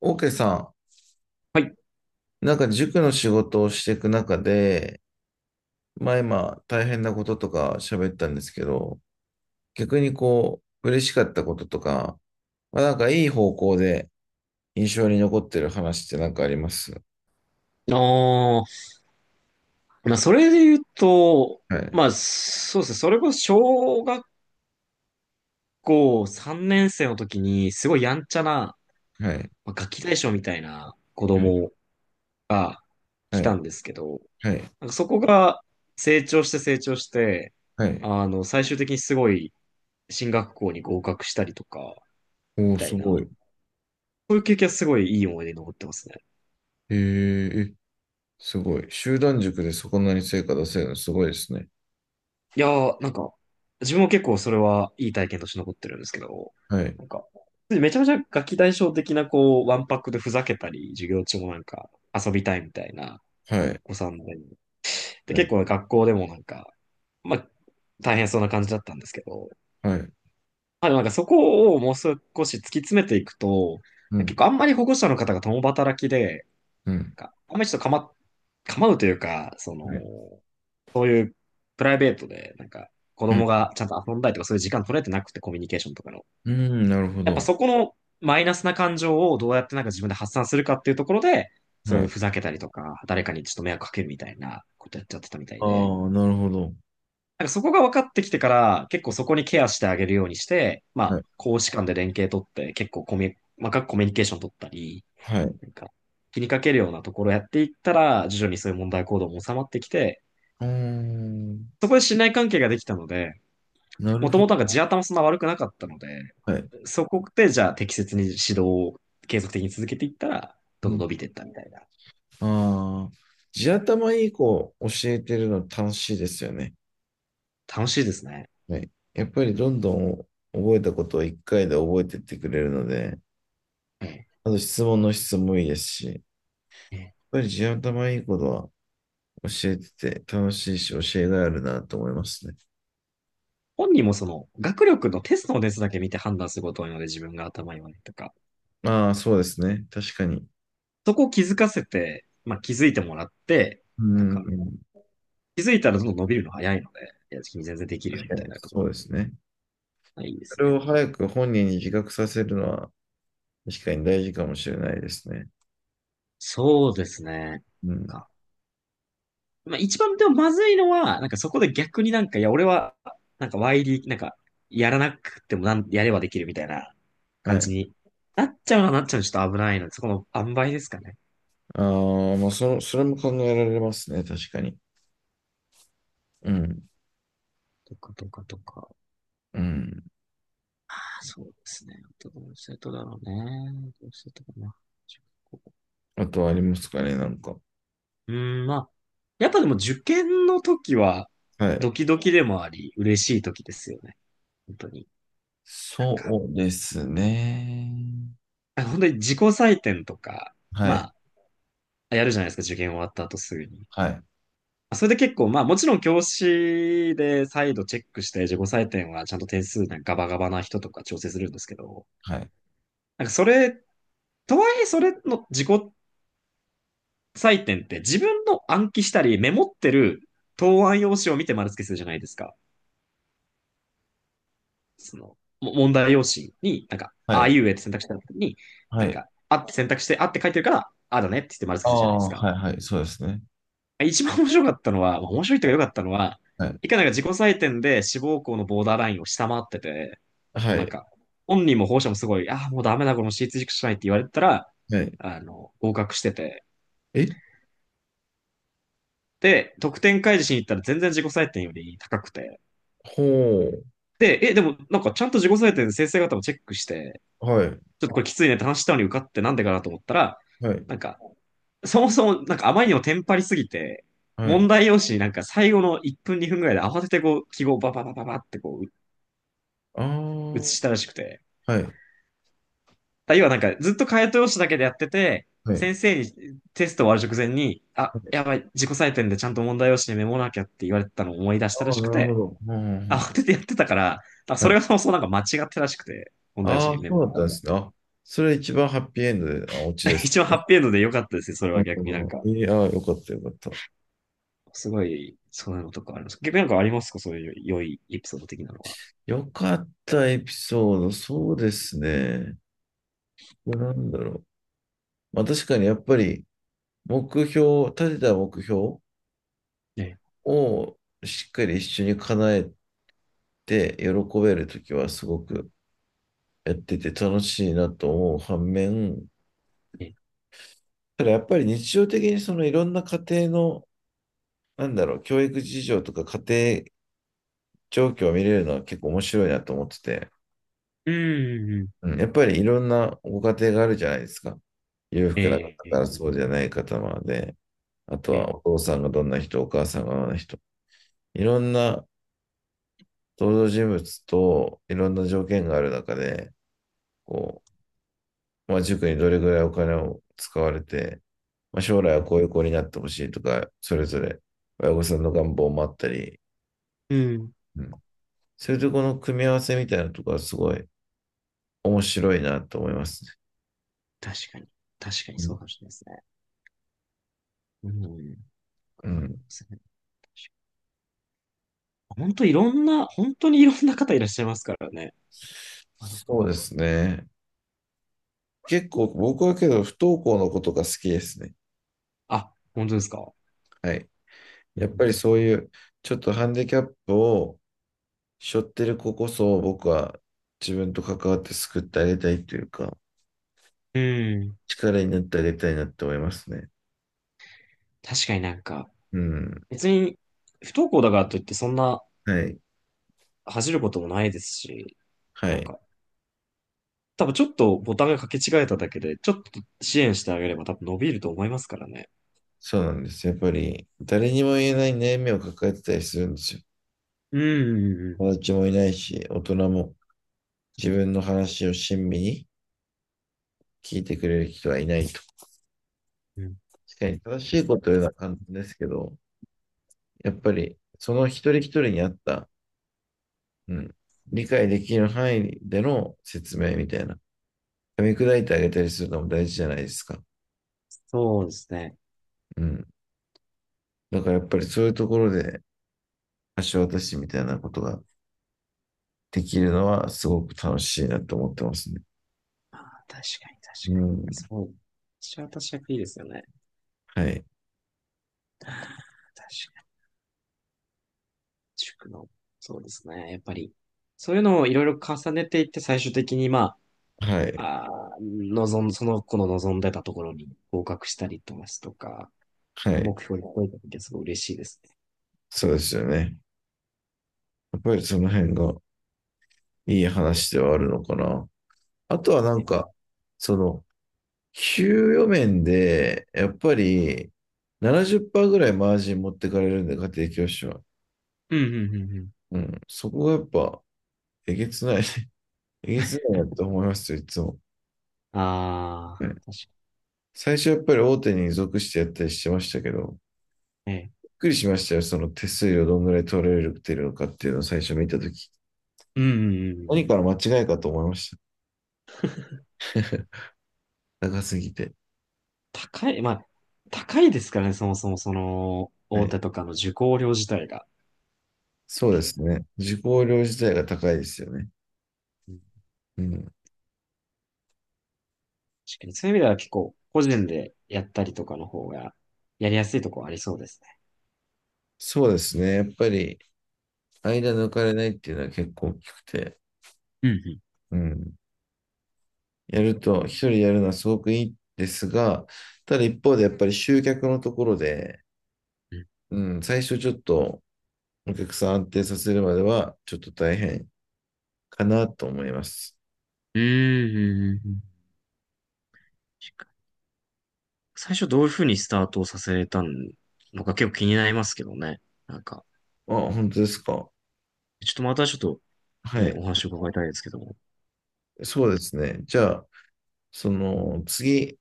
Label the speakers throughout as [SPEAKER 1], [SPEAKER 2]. [SPEAKER 1] オーケーさ
[SPEAKER 2] はい。
[SPEAKER 1] ん、なんか塾の仕事をしていく中で、まあ今大変なこととか喋ったんですけど、逆にこう、嬉しかったこととか、まあなんかいい方向で印象に残ってる話ってなんかあります
[SPEAKER 2] ああ、それで言うと、
[SPEAKER 1] はい、
[SPEAKER 2] そうですね。それこそ小学校3年生の時に、すごいやんちゃな、
[SPEAKER 1] はい、
[SPEAKER 2] ガキ大将みたいな子
[SPEAKER 1] はい、
[SPEAKER 2] 供が
[SPEAKER 1] は
[SPEAKER 2] 来た
[SPEAKER 1] い、
[SPEAKER 2] んですけど、
[SPEAKER 1] はい、
[SPEAKER 2] そこが成長して、
[SPEAKER 1] はい。
[SPEAKER 2] 最終的にすごい進学校に合格したりとか、
[SPEAKER 1] お
[SPEAKER 2] み
[SPEAKER 1] ー、
[SPEAKER 2] た
[SPEAKER 1] す
[SPEAKER 2] いな、
[SPEAKER 1] ごい。
[SPEAKER 2] そういう経験はすごいいい思い出に残ってますね。
[SPEAKER 1] えー、えすごい。集団塾でそこなに成果出せるのすごいですね。
[SPEAKER 2] いやー、自分も結構それはいい体験として残ってるんですけど、
[SPEAKER 1] はい、
[SPEAKER 2] なんか、めちゃめちゃガキ大将的な、こう、ワンパックでふざけたり、授業中も遊びたいみたいな
[SPEAKER 1] はい、
[SPEAKER 2] お子さんで、で、
[SPEAKER 1] はい、
[SPEAKER 2] 結構学校でもまあ、大変そうな感じだったんですけど、
[SPEAKER 1] はい、
[SPEAKER 2] でもそこをもう少し突き詰めていくと、
[SPEAKER 1] う
[SPEAKER 2] 結
[SPEAKER 1] ん、
[SPEAKER 2] 構あんまり保護者の方が共働きで、
[SPEAKER 1] うん、
[SPEAKER 2] あんまりちょっと構うというか、その、
[SPEAKER 1] はい、
[SPEAKER 2] そういうプライベートで、子
[SPEAKER 1] うん、
[SPEAKER 2] 供がちゃんと遊んだりとか、そういう時間取れてなくて、コミュニケーションとかの。
[SPEAKER 1] うん、なるほ
[SPEAKER 2] やっぱ
[SPEAKER 1] ど。
[SPEAKER 2] そこのマイナスな感情をどうやって自分で発散するかっていうところで、そう
[SPEAKER 1] は
[SPEAKER 2] いう
[SPEAKER 1] い。
[SPEAKER 2] ふざけたりとか、誰かにちょっと迷惑かけるみたいなことやっちゃってたみたい
[SPEAKER 1] あ
[SPEAKER 2] で、
[SPEAKER 1] あ、なるほど。
[SPEAKER 2] そこが分かってきてから、結構そこにケアしてあげるようにして、ま
[SPEAKER 1] は
[SPEAKER 2] あ、
[SPEAKER 1] い。
[SPEAKER 2] 公私間で連携取って、結構コミュ、細かくコミュニケーション取ったり、
[SPEAKER 1] はい。う
[SPEAKER 2] なんか、気にかけるようなところをやっていったら、徐々にそういう問題行動も収まってきて、
[SPEAKER 1] ーん。
[SPEAKER 2] そこで信頼関係ができたので、
[SPEAKER 1] なる
[SPEAKER 2] もと
[SPEAKER 1] ほ
[SPEAKER 2] も
[SPEAKER 1] ど。
[SPEAKER 2] と地頭そんな悪くなかったので、
[SPEAKER 1] はい。
[SPEAKER 2] そこでじゃあ適切に指導を継続的に続けていったら、
[SPEAKER 1] う
[SPEAKER 2] どんどん
[SPEAKER 1] ん。
[SPEAKER 2] 伸びていったみたいな。
[SPEAKER 1] ああ。地頭いい子を教えてるの楽しいですよね。
[SPEAKER 2] 楽しいですね。
[SPEAKER 1] はい。やっぱりどんどん覚えたことを一回で覚えてってくれるので、
[SPEAKER 2] え
[SPEAKER 1] あと質問の質もいいですし、やっ
[SPEAKER 2] え。
[SPEAKER 1] ぱり地頭いい子は教えてて楽しいし教えがあるなと思いますね。
[SPEAKER 2] 本人もその学力のテストの熱だけ見て判断することが多いので自分が頭いいわねとか、
[SPEAKER 1] ああ、そうですね。確かに。
[SPEAKER 2] そこを気づかせて、まあ、気づいてもらって、
[SPEAKER 1] う
[SPEAKER 2] なん
[SPEAKER 1] ん。
[SPEAKER 2] か
[SPEAKER 1] うん
[SPEAKER 2] 気づいたらどんどん伸びるの早いので、いや、君全然できるよ
[SPEAKER 1] 確か
[SPEAKER 2] みた
[SPEAKER 1] に。
[SPEAKER 2] いなとこ
[SPEAKER 1] そう
[SPEAKER 2] ろ
[SPEAKER 1] ですね。
[SPEAKER 2] がいいで
[SPEAKER 1] そ
[SPEAKER 2] す
[SPEAKER 1] れ
[SPEAKER 2] ね。
[SPEAKER 1] を早く本人に自覚させるのは確かに大事かもしれないですね。
[SPEAKER 2] そうですね。
[SPEAKER 1] うん。
[SPEAKER 2] かまあ、一番でもまずいのは、そこで逆にいや、俺は、YD、やらなくてもなん、やればできるみたいな
[SPEAKER 1] は
[SPEAKER 2] 感じ
[SPEAKER 1] い。
[SPEAKER 2] になっちゃうのちょっと危ないので、そこの塩梅ですかね。
[SPEAKER 1] ああ、まあ、その、それも考えられますね。確かに。うん。
[SPEAKER 2] とか、とか、とか。
[SPEAKER 1] うん。
[SPEAKER 2] あそうですね。どうしてとだろうね。どうしてとかな。中学校
[SPEAKER 1] あとはありますかね、なんか。
[SPEAKER 2] うーん、まあ、やっぱでも受験の時は、
[SPEAKER 1] はい。
[SPEAKER 2] ドキドキでもあり、嬉しい時ですよね。本当に。なんか、
[SPEAKER 1] そうですね。
[SPEAKER 2] あ本当に自己採点とか、
[SPEAKER 1] はい。
[SPEAKER 2] まあ、やるじゃないですか、受験終わった後すぐに。
[SPEAKER 1] はい。
[SPEAKER 2] それで結構、まあもちろん教師で再度チェックして自己採点はちゃんと点数ガバガバな人とか調整するんですけど、
[SPEAKER 1] はい。
[SPEAKER 2] なんかそれ、とはいえそれの自己採点って自分の暗記したりメモってる答案用紙を見て丸付けするじゃないですか。問題用紙に
[SPEAKER 1] は
[SPEAKER 2] ああ
[SPEAKER 1] い。
[SPEAKER 2] いうえって選択した時に、
[SPEAKER 1] はい。
[SPEAKER 2] あって選択して、あって書いてるから、ああだねって言って丸付
[SPEAKER 1] あ
[SPEAKER 2] けするじゃないです
[SPEAKER 1] あ、
[SPEAKER 2] か。
[SPEAKER 1] はい。はい。そうですね。
[SPEAKER 2] 一番面白かったのは、面白いというか良かったのは、
[SPEAKER 1] はい。
[SPEAKER 2] いかなんか自己採点で志望校のボーダーラインを下回ってて、も
[SPEAKER 1] は
[SPEAKER 2] うなん
[SPEAKER 1] い。
[SPEAKER 2] か、本人も保護者もすごい、ああ、もうダメだ、この私立塾しかないって言われてたら、
[SPEAKER 1] はい。
[SPEAKER 2] あの、合格してて。
[SPEAKER 1] え
[SPEAKER 2] で、得点開示しに行ったら全然自己採点より高くて。
[SPEAKER 1] ほう。
[SPEAKER 2] で、え、でもちゃんと自己採点で先生方もチェックして、
[SPEAKER 1] はい。
[SPEAKER 2] ちょっとこれきついねって話したのに受かってなんでかなと思ったら、
[SPEAKER 1] はい。
[SPEAKER 2] なんか、そもそも、あまりにもテンパりすぎて、
[SPEAKER 1] は
[SPEAKER 2] 問
[SPEAKER 1] い。
[SPEAKER 2] 題用紙に最後の1分2分ぐらいで慌ててこう、記号をバババババって
[SPEAKER 1] ああ、
[SPEAKER 2] 写したらしくて。
[SPEAKER 1] はい。
[SPEAKER 2] だ要はずっと解答用紙だけでやってて、
[SPEAKER 1] はい。
[SPEAKER 2] 先生にテスト終わる直前に、あ、
[SPEAKER 1] はい。
[SPEAKER 2] やばい、自己採点でちゃんと問題用紙にメモらなきゃって言われてたのを思い出した
[SPEAKER 1] あ
[SPEAKER 2] ら
[SPEAKER 1] あ、
[SPEAKER 2] しく
[SPEAKER 1] なるほ
[SPEAKER 2] て、
[SPEAKER 1] ど。うんうんうん
[SPEAKER 2] 慌ててやってたから、あ
[SPEAKER 1] は
[SPEAKER 2] それ
[SPEAKER 1] い。
[SPEAKER 2] がそもそも間違ってらしくて、問題用
[SPEAKER 1] あ
[SPEAKER 2] 紙
[SPEAKER 1] あ、
[SPEAKER 2] にメ
[SPEAKER 1] そ
[SPEAKER 2] モ
[SPEAKER 1] うだ
[SPEAKER 2] っ
[SPEAKER 1] った
[SPEAKER 2] た
[SPEAKER 1] んで
[SPEAKER 2] のが。
[SPEAKER 1] すね。あ、それ一番ハッピーエンドで、あ、オチで す。
[SPEAKER 2] 一番ハッピーエンドで良かったですね、それ
[SPEAKER 1] あ
[SPEAKER 2] は
[SPEAKER 1] あ
[SPEAKER 2] 逆に。
[SPEAKER 1] えー、あーよかったよかった。
[SPEAKER 2] すごい、そういうのとかあります。逆にありますかそういう良いエピソード的なのは。
[SPEAKER 1] よかったエピソード、そうですね。これなんだろう。まあ確かにやっぱり目標、立てた目標
[SPEAKER 2] え
[SPEAKER 1] をしっかり一緒に叶えて喜べるときはすごくやってて楽しいなと思う反面、
[SPEAKER 2] え、
[SPEAKER 1] ただやっぱり日常的にそのいろんな家庭の、なんだろう、教育事情とか家庭状況を見れるのは結構面白いなと思ってて、
[SPEAKER 2] うん、うん、
[SPEAKER 1] うん、やっぱりいろんなご家庭があるじゃないですか。裕福な方
[SPEAKER 2] ええ、
[SPEAKER 1] からそうじゃない方まで、あと
[SPEAKER 2] ええ、
[SPEAKER 1] はお父さんがどんな人、お母さんがどんな人、いろんな登場人物といろんな条件がある中で、こう、まあ、塾にどれぐらいお金を使われて、まあ、将来
[SPEAKER 2] う
[SPEAKER 1] は
[SPEAKER 2] ん、
[SPEAKER 1] こういう子になってほしいとか、それぞれ親御さんの願望もあったり、
[SPEAKER 2] うん
[SPEAKER 1] うん、そういうとこの組み合わせみたいなところはすごい面白いなと思いますね。
[SPEAKER 2] 確かに。確かに
[SPEAKER 1] う
[SPEAKER 2] そ
[SPEAKER 1] ん、
[SPEAKER 2] うかもしれないですね。うん。
[SPEAKER 1] う
[SPEAKER 2] クリ
[SPEAKER 1] ん、
[SPEAKER 2] 確かに本当にいろんな方いらっしゃいますからね。なるほど
[SPEAKER 1] そうですね。結構僕はけど不登校の子とか好きですね。
[SPEAKER 2] あ、本当ですか。
[SPEAKER 1] はい。
[SPEAKER 2] う
[SPEAKER 1] や
[SPEAKER 2] ん
[SPEAKER 1] っぱりそういうちょっとハンディキャップを背負ってる子こそ僕は自分と関わって救ってあげたいというか
[SPEAKER 2] うん。
[SPEAKER 1] 力になってあげたいなって思いますね。
[SPEAKER 2] 確かに
[SPEAKER 1] うん。
[SPEAKER 2] 別に不登校だからといってそんな
[SPEAKER 1] はい。
[SPEAKER 2] 恥じることもないですし、
[SPEAKER 1] は
[SPEAKER 2] なん
[SPEAKER 1] い。
[SPEAKER 2] か、多分ちょっとボタンが掛け違えただけで、ちょっと支援してあげれば多分伸びると思いますからね。
[SPEAKER 1] そうなんです。やっぱり誰にも言えない悩みを抱えてたりするんですよ。
[SPEAKER 2] うん、うん、う
[SPEAKER 1] 友達もいないし、大人も自分の話を親身に聞いてくれる人はいないと。
[SPEAKER 2] ん。うん
[SPEAKER 1] 確かに正しいこと言うのは簡単ですけど、やっぱりその一人一人に合ったうん、理解できる範囲での説明みたいな。噛み砕いてあげたりするのも大事じゃないですか。
[SPEAKER 2] そうですね。
[SPEAKER 1] うん。だからやっぱりそういうところで橋渡しみたいなことができるのはすごく楽しいなと思ってますね。
[SPEAKER 2] ああ、確かに
[SPEAKER 1] う
[SPEAKER 2] 確かに。
[SPEAKER 1] ん。
[SPEAKER 2] そうそう。シャータシャクいいですよね。
[SPEAKER 1] はい。
[SPEAKER 2] 確かに。塾の。そうですね。やっぱり。そういうのをいろいろ重ねていって、最終的に、ま
[SPEAKER 1] はい。
[SPEAKER 2] あ、あー望ん、その子の望んでたところに合格したりとかすとか、
[SPEAKER 1] はい。
[SPEAKER 2] 目標に超えた時はすごい嬉しいですね。
[SPEAKER 1] そうですよね。やっぱりその辺がいい話ではあるのかな。あとは
[SPEAKER 2] うん
[SPEAKER 1] その、給与面で、やっぱり70%ぐらいマージン持ってかれるんで、家庭教師は。
[SPEAKER 2] うんうんうん。
[SPEAKER 1] うん。そこがやっぱ、えげつないね。えげつないなって思いますよ、いつも。
[SPEAKER 2] ああ、
[SPEAKER 1] ね
[SPEAKER 2] 確か
[SPEAKER 1] 最初やっぱり大手に属してやったりしてましたけど、
[SPEAKER 2] にね
[SPEAKER 1] びっくりしましたよ、その手数料どんぐらい取れてるのかっていうのを最初見たとき。
[SPEAKER 2] うんうんうんう
[SPEAKER 1] 何か
[SPEAKER 2] ん。
[SPEAKER 1] ら間違いかと思いました。高すぎて。
[SPEAKER 2] 高い、まあ、高いですからね、そもそもその、
[SPEAKER 1] は
[SPEAKER 2] 大
[SPEAKER 1] い。
[SPEAKER 2] 手とかの受講料自体が。
[SPEAKER 1] そうですね。受講料自体が高いですよね。うん。
[SPEAKER 2] 確かにそういう意味では結構個人でやったりとかの方がやりやすいところありそうですね。
[SPEAKER 1] そうですね。やっぱり、間抜かれないっていうのは結構大きくて。
[SPEAKER 2] うん、
[SPEAKER 1] うん。やると、一人やるのはすごくいいですが、ただ一方でやっぱり集客のところで、
[SPEAKER 2] うん、
[SPEAKER 1] うん、最初ちょっとお客さん安定させるまではちょっと大変かなと思います。
[SPEAKER 2] うん。うんうんうんうん確かに最初どういうふうにスタートをさせたのか結構気になりますけどね。なんか、
[SPEAKER 1] あ、本当ですか。
[SPEAKER 2] ちょっとまたちょっと
[SPEAKER 1] は
[SPEAKER 2] ね、お
[SPEAKER 1] い。
[SPEAKER 2] 話を伺いたいですけども。
[SPEAKER 1] そうですね。じゃあ、その次、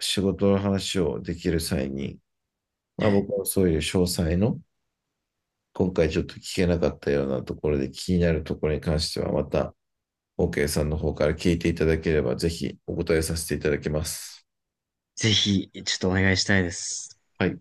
[SPEAKER 1] 仕事の話をできる際に、まあ
[SPEAKER 2] ね、
[SPEAKER 1] 僕はそういう詳細の、今回ちょっと聞けなかったようなところで気になるところに関しては、また OK さんの方から聞いていただければ、ぜひお答えさせていただきます。
[SPEAKER 2] ぜひ、ちょっとお願いしたいです。
[SPEAKER 1] はい。